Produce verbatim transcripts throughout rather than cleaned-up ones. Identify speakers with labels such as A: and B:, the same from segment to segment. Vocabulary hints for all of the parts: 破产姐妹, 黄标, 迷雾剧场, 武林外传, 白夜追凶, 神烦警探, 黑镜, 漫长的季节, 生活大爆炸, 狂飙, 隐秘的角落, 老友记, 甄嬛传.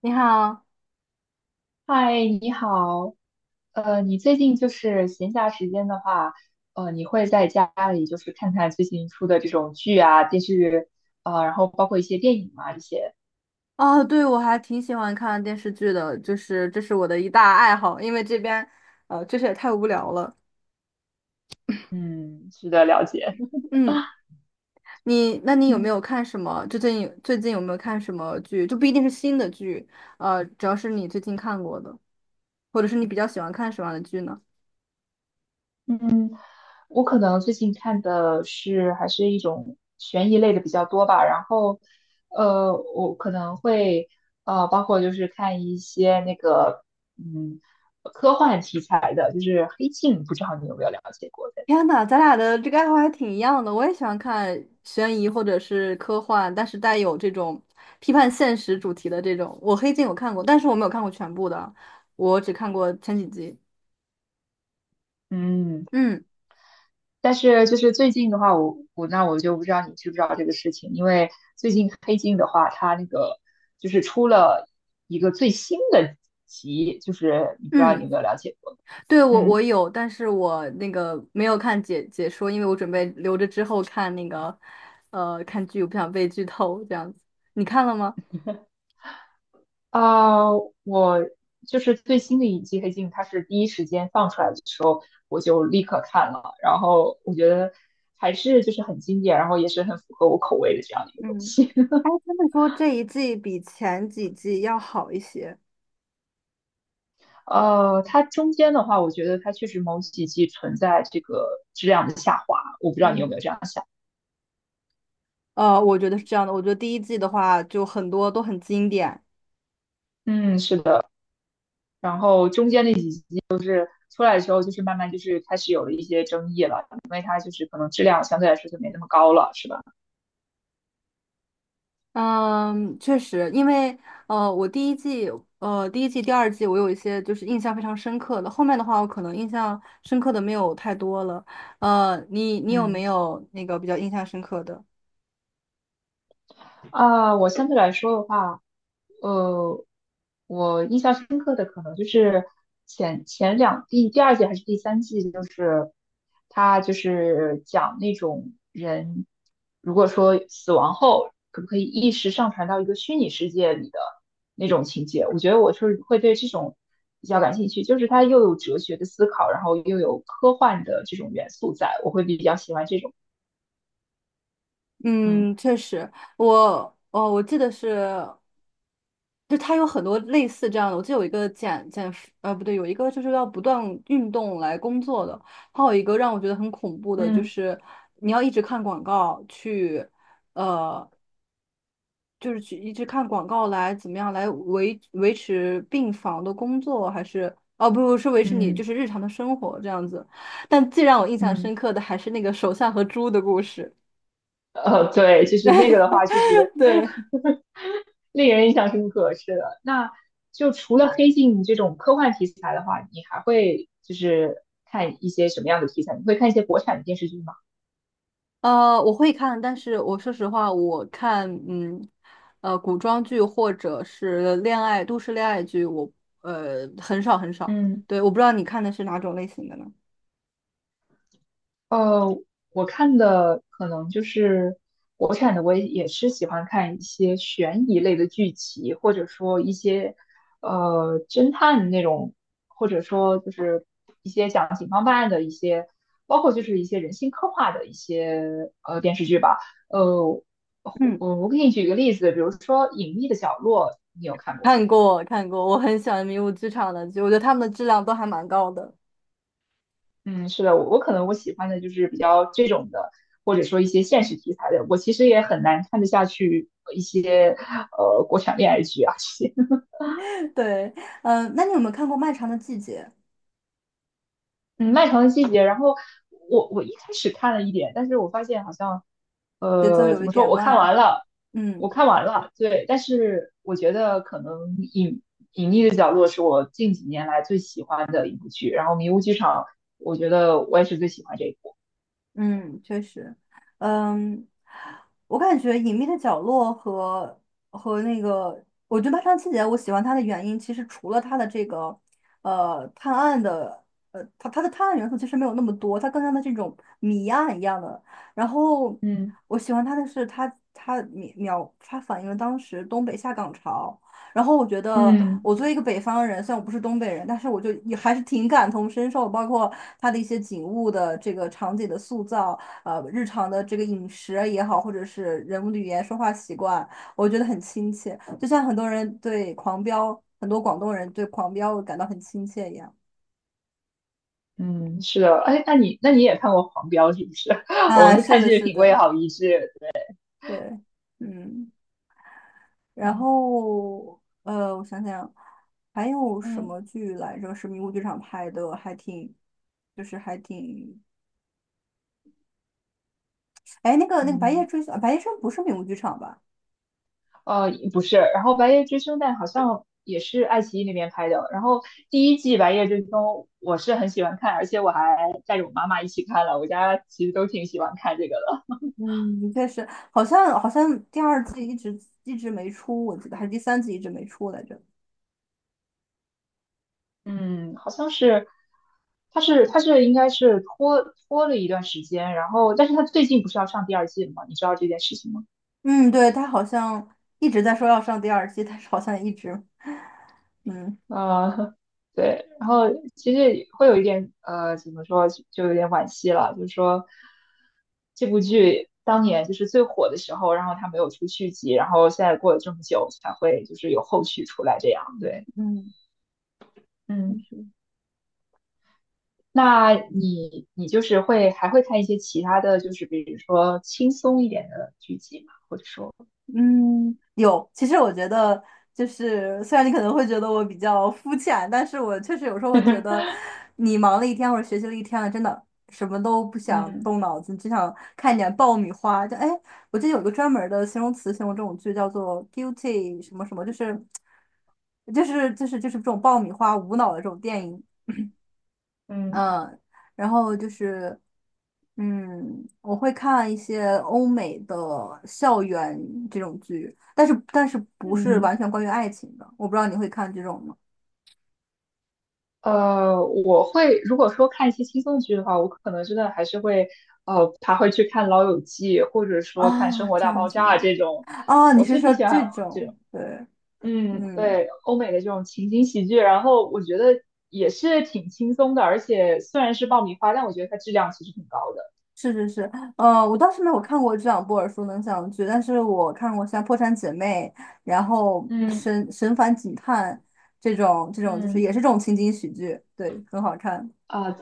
A: 你好。
B: 嗨，你好。呃，你最近就是闲暇时间的话，呃，你会在家里就是看看最近出的这种剧啊、电视剧啊，然后包括一些电影啊这些，
A: 啊，对，我还挺喜欢看电视剧的，就是这是我的一大爱好，因为这边，呃，确实也太无聊了。
B: 嗯，值得了解。
A: 嗯。你，那你有没
B: 嗯
A: 有看什么？最近有最近有没有看什么剧？就不一定是新的剧，呃，只要是你最近看过的，或者是你比较喜欢看什么样的剧呢？
B: 嗯，我可能最近看的是还是一种悬疑类的比较多吧，然后呃，我可能会呃，包括就是看一些那个嗯科幻题材的，就是《黑镜》，不知道你有没有了解过？
A: 天呐，咱俩的这个爱好还挺一样的，我也喜欢看悬疑或者是科幻，但是带有这种批判现实主题的这种。我《黑镜》有看过，但是我没有看过全部的，我只看过前几集。
B: 嗯，
A: 嗯。
B: 但是就是最近的话，我我那我就不知道你知不知道这个事情，因为最近《黑镜》的话，它那个就是出了一个最新的集，就是你不知道你
A: 嗯，
B: 有没有了解过？
A: 对，我
B: 嗯，
A: 我有，但是我那个没有看解解说，因为我准备留着之后看那个，呃，看剧，我不想被剧透这样子。你看了吗？
B: 啊、我就是最新的一季《黑镜》，它是第一时间放出来的时候，我就立刻看了，然后我觉得还是就是很经典，然后也是很符合我口味的这样的一个东
A: 嗯。
B: 西。
A: 哎，他们说这一季比前几季要好一些。
B: 呃，它中间的话，我觉得它确实某几季存在这个质量的下滑，我不知道你有没
A: 嗯。
B: 有这样想。
A: 呃，我觉得是这样的，我觉得第一季的话，就很多都很经典。
B: 嗯，是的。然后中间那几季出来的时候，就是慢慢就是开始有了一些争议了，因为它就是可能质量相对来说就没那么高了，是吧？
A: 嗯，确实，因为呃，我第一季、呃第一季、第二季，我有一些就是印象非常深刻的，后面的话，我可能印象深刻的没有太多了。呃，你你有没
B: 嗯。
A: 有那个比较印象深刻的？
B: 啊，我相对来说的话，呃，我印象深刻的可能就是前前两第第二季还是第三季，就是他就是讲那种人，如果说死亡后可不可以意识上传到一个虚拟世界里的那种情节，我觉得我是会对这种比较感兴趣，就是它又有哲学的思考，然后又有科幻的这种元素在，我会比较喜欢这种，嗯。
A: 嗯，确实。我哦，我记得是，就它有很多类似这样的，我记得有一个减减肥，呃，不对，有一个就是要不断运动来工作的，还有一个让我觉得很恐怖的，就
B: 嗯
A: 是你要一直看广告去。呃就是去一直看广告来怎么样来维维持病房的工作，还是哦不不是维持你就
B: 嗯
A: 是日常的生活这样子。但最让我印象
B: 嗯，
A: 深刻的还是那个手相和猪的故事。
B: 呃，对，就是那个的话，其实
A: 对。
B: 令人印象深刻。是的，那就除了黑镜这种科幻题材的话，你还会就是看一些什么样的题材？你会看一些国产的电视剧吗？
A: 呃，我会看，但是我说实话，我看嗯呃古装剧或者是恋爱都市恋爱剧，我呃很少很少。
B: 嗯，
A: 对，我不知道你看的是哪种类型的呢？
B: 呃，我看的可能就是国产的，我也也是喜欢看一些悬疑类的剧集，或者说一些呃侦探那种，或者说就是一些讲警方办案的一些，包括就是一些人性刻画的一些呃电视剧吧。呃，我
A: 嗯，
B: 我我给你举个例子，比如说《隐秘的角落》，你有看过吗？
A: 看过看过，我很喜欢《迷雾剧场》的剧，我觉得他们的质量都还蛮高的。
B: 嗯，是的，我我可能我喜欢的就是比较这种的，或者说一些现实题材的。我其实也很难看得下去一些呃国产恋爱剧啊这些。
A: 对。嗯，那你有没有看过《漫长的季节》？
B: 嗯，《漫长的季节》，然后我我一开始看了一点，但是我发现好像
A: 节奏
B: 呃
A: 有
B: 怎
A: 一
B: 么说，
A: 点
B: 我看
A: 慢。
B: 完了，
A: 嗯。
B: 我看完了，对，但是我觉得可能隐隐秘的角落是我近几年来最喜欢的一部剧，然后《迷雾剧场》，我觉得我也是最喜欢这一部。
A: 嗯，确实。嗯，我感觉《隐秘的角落和》和那个，我觉得《漫长的季节》，我喜欢它的原因，其实除了它的这个呃探案的，呃，它它的探案元素其实没有那么多，它更像的这种谜案一样的。然后
B: 嗯
A: 我喜欢它的是它它描描它反映了当时东北下岗潮。然后我觉得，
B: 嗯。
A: 我作为一个北方人，虽然我不是东北人，但是我就也还是挺感同身受，包括它的一些景物的这个场景的塑造，呃，日常的这个饮食啊也好，或者是人物的语言说话习惯，我觉得很亲切。就像很多人对《狂飙》，很多广东人对《狂飙》感到很亲切一样。
B: 嗯，是的，哎，那你那你也看过《黄标》是不是？我
A: 啊，
B: 们
A: 是
B: 看
A: 的，
B: 剧的
A: 是
B: 品味
A: 的。
B: 好一致。
A: 对。嗯，然
B: 嗯
A: 后呃，我想想，还有什
B: 嗯，
A: 么剧来着？是迷雾剧场拍的，还挺，就是还挺。哎，那个那个白夜
B: 嗯，
A: 追凶，白夜追凶不是名古剧场吧？
B: 哦，不是，然后《白夜追凶》但好像也是爱奇艺那边拍的。然后第一季《白夜追凶》我是很喜欢看，而且我还带着我妈妈一起看了。我家其实都挺喜欢看这个的。
A: 嗯，但是好像好像第二季一直一直没出，我记得还是第三季一直没出来着。
B: 嗯，好像是，它是它是应该是拖拖了一段时间，然后但是它最近不是要上第二季了吗？你知道这件事情吗？
A: 嗯，对，他好像一直在说要上第二季，但是好像一直。嗯。
B: 啊、呃，对，然后其实会有一点呃，怎么说，就就有点惋惜了，就是说这部剧当年就是最火的时候，然后它没有出续集，然后现在过了这么久才会就是有后续出来这样，对，
A: 嗯，确
B: 嗯，
A: 实。
B: 那你你就是会还会看一些其他的就是比如说轻松一点的剧集吗？
A: 嗯，有。其实我觉得，就是虽然你可能会觉得我比较肤浅，但是我确实有时候会觉得，你忙了一天或者学习了一天了，真的什么都不想
B: 嗯
A: 动脑子，只想看一点爆米花。就哎，我记得有一个专门儿的形容词形容这种剧，叫做 "guilty" 什么什么，就是就是就是就是这种爆米花无脑的这种电影。
B: 嗯。
A: 嗯，然后就是，嗯，我会看一些欧美的校园这种剧，但是但是不是
B: 嗯。
A: 完全关于爱情的，我不知道你会看这种吗？
B: 呃，我会如果说看一些轻松剧的话，我可能真的还是会，呃，他会去看《老友记》，或者说看《生
A: 啊，
B: 活
A: 这
B: 大
A: 样
B: 爆
A: 子。
B: 炸》这种。
A: 啊，你
B: 我
A: 是
B: 是挺
A: 说
B: 喜欢，
A: 这种？对。
B: 嗯，
A: 嗯，
B: 对，欧美的这种情景喜剧，然后我觉得也是挺轻松的，而且虽然是爆米花，但我觉得它质量其实挺高的。
A: 是是是。呃，我倒是没有看过这两部耳熟能详的剧，但是我看过像《破产姐妹》，然后
B: 嗯
A: 神《神烦警探》这种这种，就是
B: 嗯，
A: 也是这种情景喜剧，对，很好看。
B: 啊，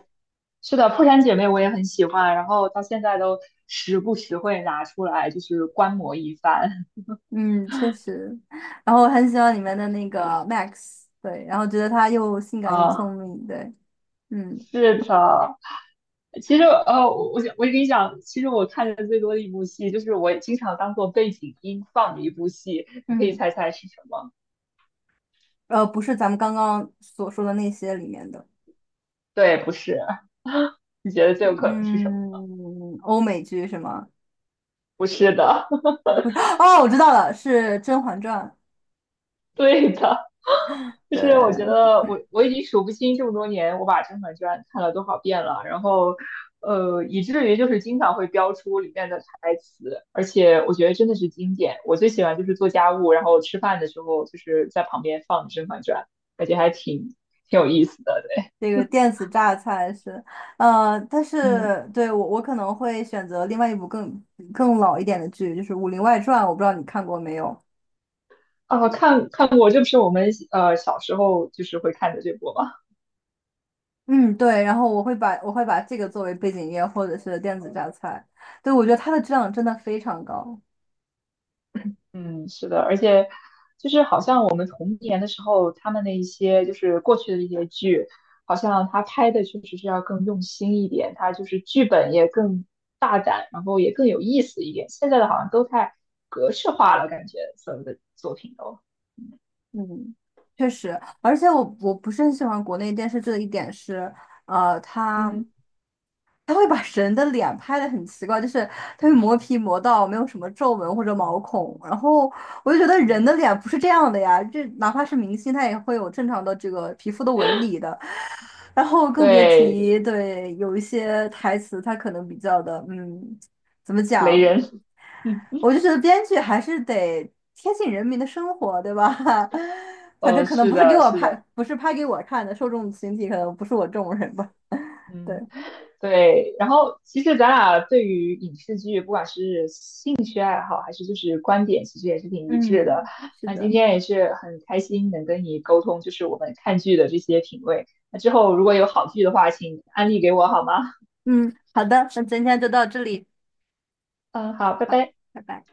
B: 是的，《破产姐妹》我也很喜欢，然后到现在都时不时会拿出来就是观摩一番。
A: 嗯，确实。然后我很喜欢里面的那个 Max,对，然后觉得他又性感又
B: 啊。
A: 聪明，对。嗯。
B: 是的。其实，呃，我我想我跟你讲，其实我看的最多的一部戏，就是我经常当做背景音放的一部戏，你可以
A: 嗯，
B: 猜猜是什么？
A: 呃，不是咱们刚刚所说的那些里面的。
B: 对，不是，你觉得最有可能是什么吗？
A: 嗯，欧美剧是吗？
B: 不是的，
A: 哦，我知道了，是《甄嬛传》。
B: 对的，就是我觉
A: 对，
B: 得我我已经数不清这么多年我把《甄嬛传》看了多少遍了，然后呃，以至于就是经常会标出里面的台词，而且我觉得真的是经典。我最喜欢就是做家务，然后吃饭的时候就是在旁边放《甄嬛传》，感觉还挺挺有意思的。对，
A: 这个电子榨菜是，呃，但
B: 嗯，
A: 是对我我可能会选择另外一部更更老一点的剧，就是《武林外传》，我不知道你看过没有。
B: 啊，看看过，这不是我们呃小时候就是会看的这部吗？
A: 嗯，对，然后我会把我会把这个作为背景音乐或者是电子榨菜，对，我觉得它的质量真的非常高。
B: 嗯，是的，而且就是好像我们童年的时候，他们的一些就是过去的一些剧，好像他拍的确实是要更用心一点，他就是剧本也更大胆，然后也更有意思一点。现在的好像都太格式化了，感觉所有的作品都，
A: 嗯，确实，而且我我不是很喜欢国内电视剧的一点是，呃，它
B: 嗯，
A: 它会把人的脸拍的很奇怪，就是它会磨皮磨到没有什么皱纹或者毛孔，然后我就觉得人的
B: 嗯
A: 脸不是这样的呀，这哪怕是明星，他也会有正常的这个皮肤的纹理的，然后更别
B: 对，
A: 提对有一些台词，它可能比较的，嗯，怎么
B: 雷
A: 讲？
B: 人，
A: 我就觉得编剧还是得贴近人民的生活，对吧？反正
B: 哦，
A: 可能
B: 是
A: 不是给
B: 的，
A: 我
B: 是
A: 拍，
B: 的，
A: 不是拍给我看的，受众群体可能不是我这种人吧。对。
B: 嗯。对，然后其实咱俩对于影视剧，不管是兴趣爱好还是就是观点，其实也是挺一致的。
A: 嗯，是
B: 那今
A: 的。
B: 天也是很开心能跟你沟通，就是我们看剧的这些品味。那之后如果有好剧的话，请安利给我好吗？
A: 嗯，好的，那今天就到这里。
B: 嗯，好，拜
A: 好，
B: 拜。
A: 拜拜。